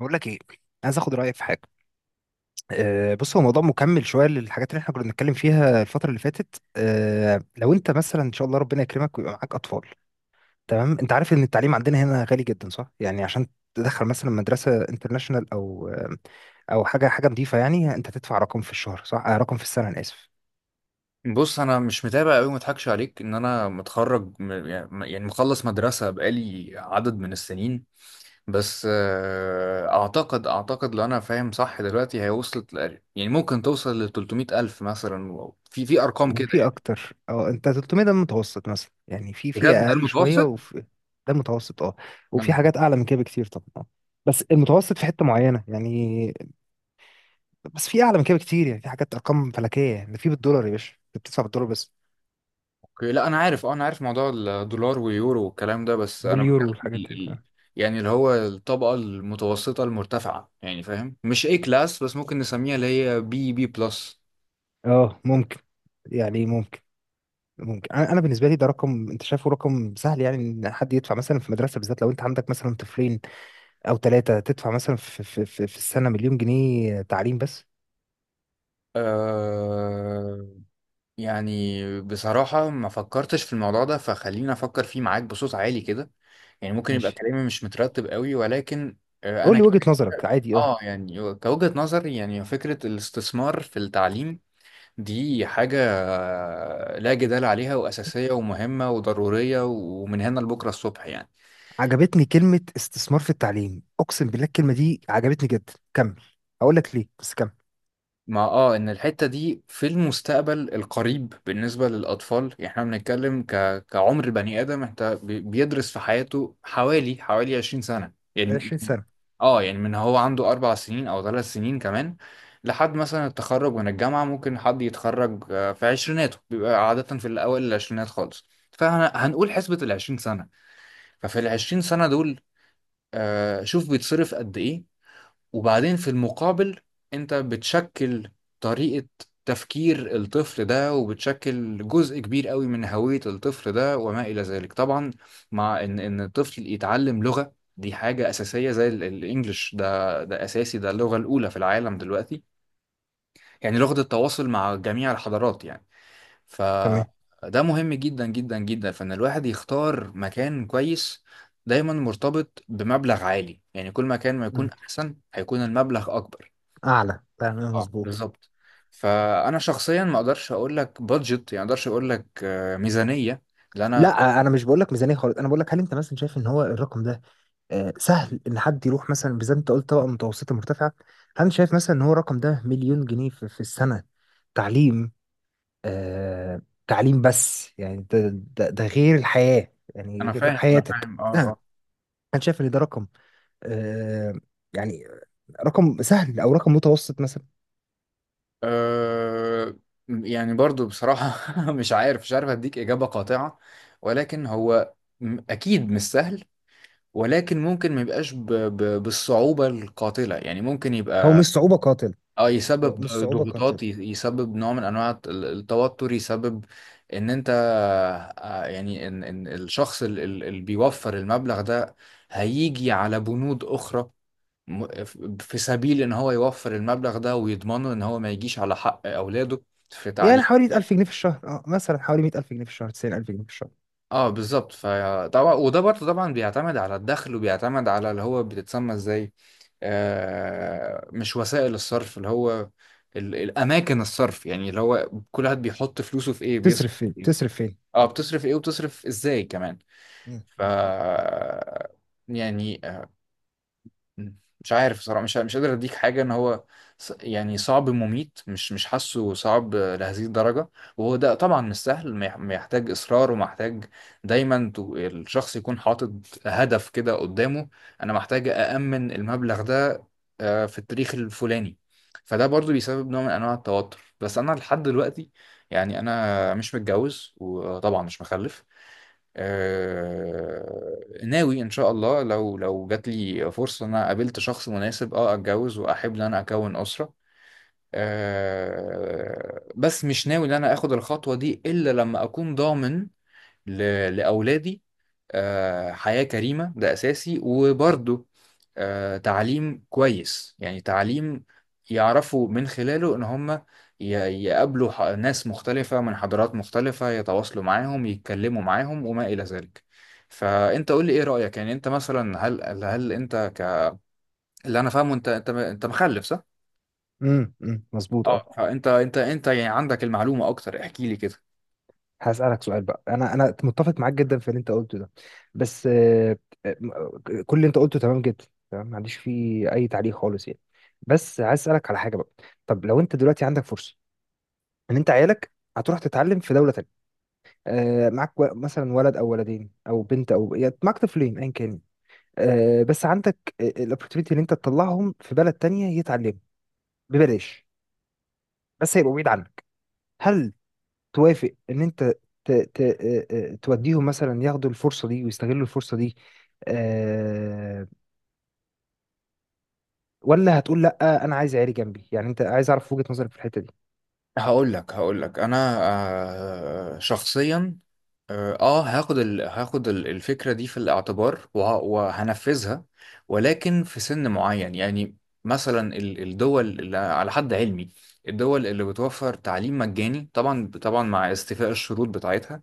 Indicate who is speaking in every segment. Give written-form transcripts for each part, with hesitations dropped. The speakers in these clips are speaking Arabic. Speaker 1: بقول لك ايه؟ عايز اخد رايك في حاجه. بص، هو موضوع مكمل شويه للحاجات اللي احنا كنا بنتكلم فيها الفتره اللي فاتت. لو انت مثلا ان شاء الله ربنا يكرمك ويبقى معاك اطفال، تمام؟ انت عارف ان التعليم عندنا هنا غالي جدا، صح؟ يعني عشان تدخل مثلا مدرسه انترناشونال او او حاجه نظيفه، يعني انت تدفع رقم في الشهر، صح؟ رقم في السنه، انا اسف.
Speaker 2: بص، انا مش متابع قوي، ما اضحكش عليك، ان انا متخرج يعني مخلص مدرسه بقالي عدد من السنين. بس اعتقد لو انا فاهم صح دلوقتي، هي وصلت يعني ممكن توصل ل 300 الف مثلا في ارقام كده
Speaker 1: وفي
Speaker 2: يعني.
Speaker 1: اكتر. اه، انت 300 ده المتوسط مثلا؟ يعني في
Speaker 2: بجد ده
Speaker 1: اقل شويه
Speaker 2: المتوسط؟
Speaker 1: وفي... ده المتوسط، اه.
Speaker 2: يا
Speaker 1: وفي
Speaker 2: نهار
Speaker 1: حاجات
Speaker 2: أبيض.
Speaker 1: اعلى من كده بكتير طبعا، آه. بس المتوسط في حته معينه يعني. بس في اعلى من كده بكتير، يعني في حاجات ارقام فلكيه، يعني ده في بالدولار يا باشا، انت بتدفع بالدولار بس.
Speaker 2: اوكي، لا، انا عارف موضوع الدولار واليورو والكلام ده، بس انا
Speaker 1: واليورو
Speaker 2: بتكلم
Speaker 1: والحاجات دي
Speaker 2: يعني اللي هو الطبقه المتوسطه المرتفعه، يعني فاهم، مش اي كلاس، بس ممكن نسميها اللي هي بي بي بلس.
Speaker 1: اه ممكن. يعني ممكن. ممكن. أنا بالنسبه لي، ده رقم، انت شايفه رقم سهل؟ يعني ان حد يدفع مثلا في مدرسه، بالذات لو انت عندك مثلا طفلين او ثلاثه، تدفع مثلا في السنه مليون جنيه تعليم بس.
Speaker 2: أه يعني بصراحة ما فكرتش في الموضوع ده، فخليني أفكر فيه معاك بصوت عالي كده، يعني ممكن يبقى
Speaker 1: ماشي.
Speaker 2: كلامي مش مترتب قوي، ولكن أه
Speaker 1: قول
Speaker 2: أنا
Speaker 1: لي
Speaker 2: ك-
Speaker 1: وجهه نظرك عادي، اه.
Speaker 2: يعني كوجهة نظر، يعني فكرة الاستثمار في التعليم دي حاجة، لا جدال عليها، وأساسية ومهمة وضرورية، ومن هنا لبكرة الصبح يعني.
Speaker 1: عجبتني كلمه استثمار في التعليم. اقسم بالله الكلمه دي عجبتني جدا، كمل. هقول لك ليه، بس كمل.
Speaker 2: ما اه ان الحتة دي في المستقبل القريب بالنسبة للأطفال، يعني احنا بنتكلم كعمر بني آدم، انت بيدرس في حياته حوالي 20 سنة يعني.
Speaker 1: 20 سنه.
Speaker 2: اه يعني من هو عنده 4 سنين أو 3 سنين كمان، لحد مثلا التخرج من الجامعة. ممكن حد يتخرج، في عشريناته، بيبقى عادة في الأوائل العشرينات خالص، فهنقول حسبة 20 سنة. ففي 20 سنة دول، شوف بيتصرف قد إيه، وبعدين في المقابل انت بتشكل طريقة تفكير الطفل ده، وبتشكل جزء كبير قوي من هوية الطفل ده وما إلى ذلك طبعا. مع إن الطفل يتعلم لغة دي حاجة أساسية، زي الإنجليش. ده أساسي، ده اللغة الأولى في العالم دلوقتي، يعني لغة التواصل مع جميع الحضارات يعني. ف...
Speaker 1: تمام.
Speaker 2: ده مهم جدا جدا جدا، فإن الواحد يختار مكان كويس دايما مرتبط بمبلغ عالي، يعني كل ما كان ما يكون
Speaker 1: مم.
Speaker 2: أحسن، هيكون المبلغ أكبر.
Speaker 1: اعلى، تمام،
Speaker 2: اه
Speaker 1: مظبوط.
Speaker 2: بالظبط. فانا شخصيا ما اقدرش اقول لك بادجت، يعني ما اقدرش اقول لك ميزانيه، لان انا
Speaker 1: لا، انا مش بقول لك ميزانيه خالص، انا بقول لك هل انت مثلا شايف ان هو الرقم ده سهل ان حد يروح مثلا؟ بالذات انت قلت طبقه متوسطه مرتفعه. هل شايف مثلا ان هو الرقم ده، مليون جنيه في السنه تعليم، آه تعليم بس، يعني ده غير الحياه، يعني
Speaker 2: انا
Speaker 1: غير
Speaker 2: فاهم انا
Speaker 1: حياتك،
Speaker 2: فاهم اه
Speaker 1: آه،
Speaker 2: اه.
Speaker 1: هل شايف ان ده رقم، آه يعني رقم سهل او رقم متوسط مثلا؟
Speaker 2: آه، يعني برضو بصراحه مش عارف اديك اجابه قاطعه، ولكن هو اكيد مش سهل. ولكن ممكن ما يبقاش بالصعوبه القاتله، يعني ممكن
Speaker 1: هو
Speaker 2: يبقى
Speaker 1: مش صعوبه قاتل.
Speaker 2: اه
Speaker 1: هو
Speaker 2: يسبب
Speaker 1: مش صعوبه
Speaker 2: ضغوطات،
Speaker 1: قاتل.
Speaker 2: يسبب نوع من انواع التوتر، يسبب ان انت، يعني ان الشخص اللي بيوفر المبلغ ده هيجي على بنود اخرى، م- ف- في سبيل ان هو يوفر المبلغ ده ويضمنه ان هو ما يجيش على حق اولاده في
Speaker 1: يعني
Speaker 2: تعليم.
Speaker 1: حوالي 1000 جنيه في الشهر، اه. مثلا حوالي 100000 جنيه في الشهر، 90000 جنيه في الشهر.
Speaker 2: اه بالظبط. فطبعا، وده برضه طبعا بيعتمد على الدخل، وبيعتمد على اللي هو بتتسمى ازاي، مش وسائل الصرف، اللي هو الاماكن الصرف، يعني اللي هو كل واحد بيحط فلوسه في ايه، بيصرف
Speaker 1: تصرف
Speaker 2: في
Speaker 1: فين؟
Speaker 2: ايه،
Speaker 1: تصرف فين؟
Speaker 2: اه،
Speaker 1: مم.
Speaker 2: بتصرف ايه وبتصرف ازاي كمان.
Speaker 1: مم.
Speaker 2: ف يعني... مم. مش عارف صراحة، مش قادر اديك حاجة ان هو يعني صعب مميت، مش حاسه صعب لهذه الدرجة. وهو ده طبعا مش سهل، ما يحتاج اصرار ومحتاج دايما الشخص يكون حاطط هدف كده قدامه: انا محتاج أأمن المبلغ ده في التاريخ الفلاني. فده برضو بيسبب نوع من انواع التوتر. بس انا لحد دلوقتي يعني انا مش متجوز، وطبعا مش مخلف. ناوي ان شاء الله، لو جات لي فرصه ان انا قابلت شخص مناسب، اتجوز واحب ان انا اكون اسره. بس مش ناوي ان انا اخد الخطوه دي الا لما اكون ضامن لأولادي حياة كريمة، ده أساسي، وبرضه تعليم كويس، يعني تعليم يعرفوا من خلاله إن هم ي- يقابلوا ناس مختلفة من حضارات مختلفة، يتواصلوا معاهم، يتكلموا معاهم، وما إلى ذلك. فأنت قول لي إيه رأيك، يعني أنت مثلا هل أنت اللي أنا فاهمه، أنت مخلف، صح؟
Speaker 1: امم، مظبوط، اه.
Speaker 2: اه، فأنت أنت يعني عندك المعلومة أكتر، احكي لي كده.
Speaker 1: هسألك سؤال بقى. انا متفق معاك جدا في اللي انت قلته ده. بس آه، م- آه، كل اللي انت قلته تمام جدا، تمام، ما عنديش فيه اي تعليق خالص يعني. بس عايز اسالك على حاجه بقى. طب لو انت دلوقتي عندك فرصه ان انت عيالك هتروح تتعلم في دوله تانية، معاك مثلا ولد او ولدين او بنت، او يعني معاك طفلين ايا كان، بس عندك الاوبورتيونيتي ان انت تطلعهم في بلد تانية يتعلموا ببلاش، بس هيبقوا بعيد عنك. هل توافق ان انت ت... ت... آه، آه، توديهم مثلا، ياخدوا الفرصه دي ويستغلوا الفرصه دي؟ أه... ولا هتقول لا انا عايز عيالي جنبي؟ يعني انت عايز اعرف وجهه نظرك في الحته دي.
Speaker 2: هقول لك انا شخصيا، اه هاخد الفكرة دي في الاعتبار، وهنفذها، ولكن في سن معين. يعني مثلا الدول اللي على حد علمي الدول اللي بتوفر تعليم مجاني، طبعا طبعا مع استيفاء الشروط بتاعتها،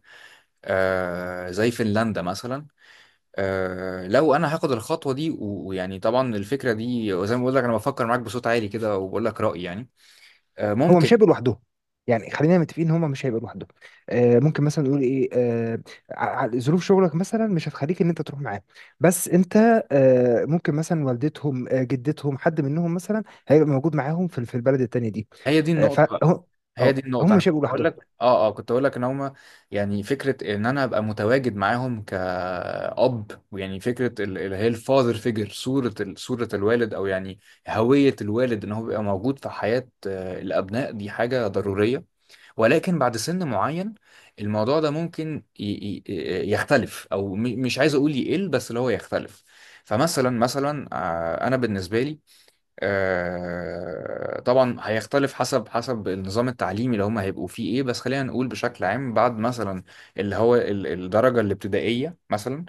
Speaker 2: زي فنلندا مثلا. لو انا هاخد الخطوة دي، ويعني طبعا الفكرة دي، وزي ما بقول لك انا بفكر معاك بصوت عالي كده وبقول لك رأيي يعني،
Speaker 1: هما
Speaker 2: ممكن.
Speaker 1: مش هيبقوا لوحدهم. يعني خلينا متفقين ان هما مش هيبقوا لوحدهم. ممكن مثلا نقول ايه؟ ظروف شغلك مثلا مش هتخليك ان انت تروح معاهم، بس انت ممكن مثلا والدتهم، آه، جدتهم، حد منهم مثلا هيبقى موجود معاهم في البلد التانيه دي.
Speaker 2: هي دي
Speaker 1: فهم...
Speaker 2: النقطة هي دي
Speaker 1: اه،
Speaker 2: النقطة
Speaker 1: هم
Speaker 2: أنا
Speaker 1: مش
Speaker 2: كنت
Speaker 1: هيبقوا
Speaker 2: أقول
Speaker 1: لوحدهم.
Speaker 2: لك آه آه كنت أقول لك إن هما، يعني فكرة إن أنا أبقى متواجد معاهم كأب، ويعني فكرة اللي هي الفاذر فيجر، صورة الوالد، أو يعني هوية الوالد إن هو بيبقى موجود في حياة الأبناء، دي حاجة ضرورية. ولكن بعد سن معين، الموضوع ده ممكن يختلف، أو مش عايز أقول يقل، بس اللي هو يختلف. فمثلا أنا بالنسبة لي، طبعا هيختلف حسب النظام التعليمي اللي هم هيبقوا فيه ايه، بس خلينا نقول بشكل عام. بعد مثلا اللي هو الدرجة الابتدائية مثلا،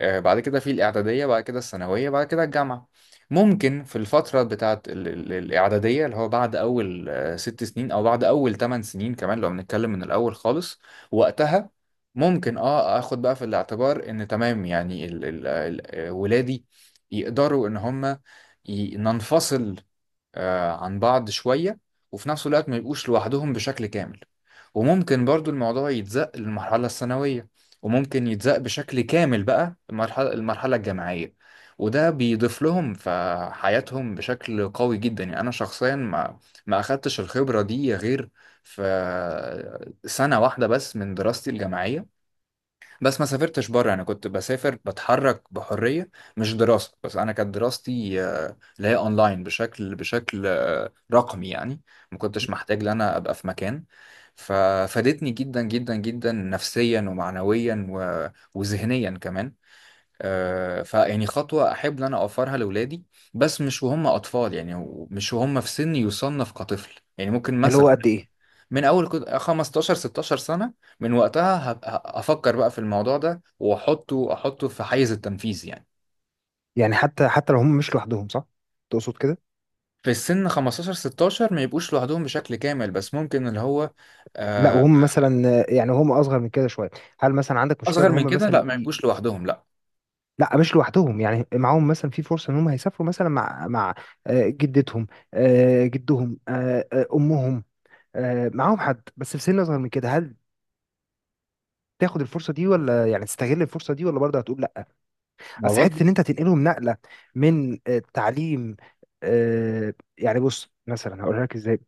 Speaker 2: بعد كده في الإعدادية، بعد كده الثانوية، بعد كده الجامعة، ممكن في الفترة بتاعت الإعدادية، اللي هو بعد أول 6 سنين، أو بعد أول 8 سنين كمان لو بنتكلم من الأول خالص، وقتها ممكن اخد بقى في الاعتبار ان تمام، يعني ال ال ال ولادي يقدروا ان هم ننفصل عن بعض شوية، وفي نفس الوقت ما يبقوش لوحدهم بشكل كامل. وممكن برضو الموضوع يتزق للمرحلة الثانوية، وممكن يتزق بشكل كامل بقى المرحلة الجامعية. وده بيضيف لهم في حياتهم بشكل قوي جدا. يعني أنا شخصيا ما أخدتش الخبرة دي غير في سنة واحدة بس من دراستي الجامعية، بس ما سافرتش بره. انا كنت بسافر، بتحرك بحريه، مش دراسه بس. انا كانت دراستي اللي هي اونلاين بشكل رقمي يعني، ما كنتش محتاج ان انا ابقى في مكان، ففادتني جدا جدا جدا نفسيا ومعنويا وذهنيا كمان. فيعني خطوه احب ان انا اوفرها لاولادي، بس مش وهم اطفال، يعني مش وهم في سن يصنف كطفل. يعني ممكن
Speaker 1: اللي هو
Speaker 2: مثلا
Speaker 1: قد ايه؟
Speaker 2: من اول كنت 15 16 سنه، من وقتها هبقى افكر بقى في الموضوع ده، واحطه في حيز التنفيذ يعني.
Speaker 1: يعني حتى لو هم مش لوحدهم، صح؟ تقصد كده؟
Speaker 2: في السن 15 16 ما يبقوش لوحدهم بشكل كامل، بس ممكن اللي هو
Speaker 1: لا،
Speaker 2: آه،
Speaker 1: وهم مثلا، يعني هم اصغر من كده شويه، هل مثلا عندك مشكله
Speaker 2: اصغر
Speaker 1: ان
Speaker 2: من
Speaker 1: هم
Speaker 2: كده لا،
Speaker 1: مثلا
Speaker 2: ما يبقوش لوحدهم، لا،
Speaker 1: لا مش لوحدهم، يعني معاهم مثلا، في فرصه ان هم هيسافروا مثلا مع آه، جدتهم، آه، جدهم، آه، آه، امهم، آه، معاهم حد، بس في سن اصغر من كده. هل تاخد الفرصه دي، ولا يعني تستغل الفرصه دي، ولا برضه هتقول لا؟
Speaker 2: ما
Speaker 1: اصل حته
Speaker 2: برضو.
Speaker 1: ان انت تنقلهم نقله من تعليم، يعني بص مثلا هقول لك ازاي.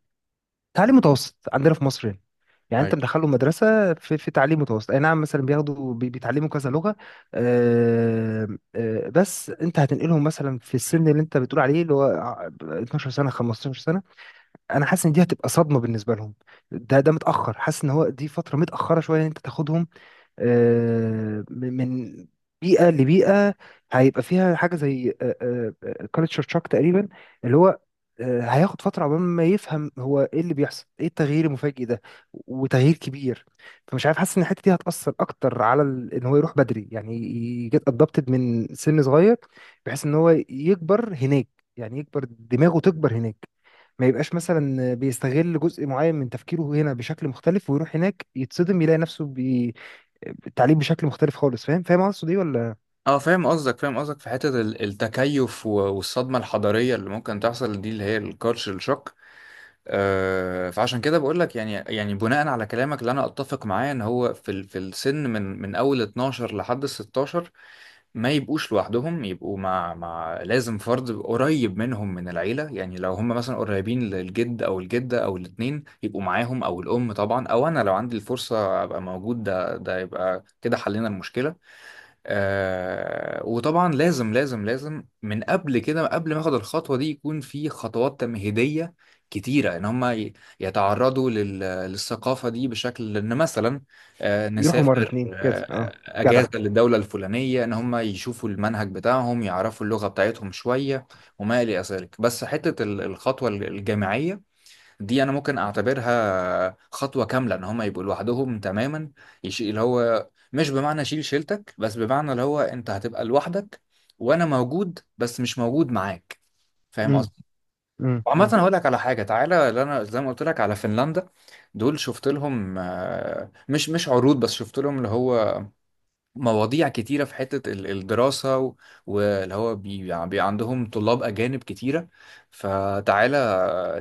Speaker 1: تعليم متوسط عندنا في مصر يعني، يعني
Speaker 2: أيوة.
Speaker 1: انت مدخله مدرسه في تعليم متوسط، اي نعم، مثلا بياخدوا بيتعلموا كذا لغه، آه، بس انت هتنقلهم مثلا في السن اللي انت بتقول عليه، اللي هو 12 سنه، 15 سنه. انا حاسس ان دي هتبقى صدمه بالنسبه لهم. ده متاخر، حاسس ان هو دي فتره متاخره شويه ان انت تاخدهم من بيئة لبيئة، هيبقى فيها حاجة زي كالتشر شوك تقريبا، اللي هو هياخد فترة عقبال ما يفهم هو ايه اللي بيحصل، ايه التغيير المفاجئ ده وتغيير كبير. فمش عارف، حاسس ان الحتة دي هتأثر اكتر على ان هو يروح بدري، يعني يجيت ادابتد من سن صغير، بحيث ان هو يكبر هناك، يعني يكبر، دماغه تكبر هناك، ما يبقاش مثلا بيستغل جزء معين من تفكيره هنا بشكل مختلف ويروح هناك يتصدم، يلاقي نفسه التعليم بشكل مختلف خالص. فاهم قصدي ولا؟
Speaker 2: اه، فاهم قصدك في حته التكيف، والصدمه الحضاريه اللي ممكن تحصل دي، اللي هي الكالتشر شوك. فعشان كده بقول لك، يعني بناء على كلامك اللي انا اتفق معاه، ان هو في السن من اول 12 لحد 16 ما يبقوش لوحدهم، يبقوا مع لازم فرد قريب منهم من العيلة. يعني لو هم مثلا قريبين للجد أو الجدة أو الاتنين يبقوا معاهم، أو الأم طبعا، أو أنا لو عندي الفرصة أبقى موجود، ده يبقى كده حلينا المشكلة. وطبعا لازم لازم لازم من قبل كده، قبل ما اخد الخطوه دي، يكون في خطوات تمهيديه كتيره ان هم يتعرضوا للثقافه دي، بشكل ان مثلا
Speaker 1: يروحوا مرة
Speaker 2: نسافر
Speaker 1: اتنين كده، اه. جدع.
Speaker 2: اجازه للدوله الفلانيه، ان هم يشوفوا المنهج بتاعهم، يعرفوا اللغه بتاعتهم شويه وما الى ذلك. بس حته الخطوه الجامعيه دي انا ممكن اعتبرها خطوه كامله ان هم يبقوا لوحدهم تماما، يشيل اللي هو مش بمعنى شيل شيلتك، بس بمعنى اللي هو انت هتبقى لوحدك، وانا موجود بس مش موجود معاك. فاهم
Speaker 1: امم
Speaker 2: قصدي؟
Speaker 1: امم
Speaker 2: وعامة
Speaker 1: امم
Speaker 2: هقول لك على حاجة. تعالى، اللي انا زي ما قلت لك على فنلندا دول، شفت لهم مش عروض بس، شفت لهم اللي هو مواضيع كتيرة في حتة الدراسة، واللي هو عندهم طلاب أجانب كتيرة. فتعالى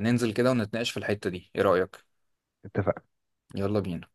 Speaker 2: ننزل كده ونتناقش في الحتة دي، ايه رأيك؟
Speaker 1: اتفق.
Speaker 2: يلا بينا.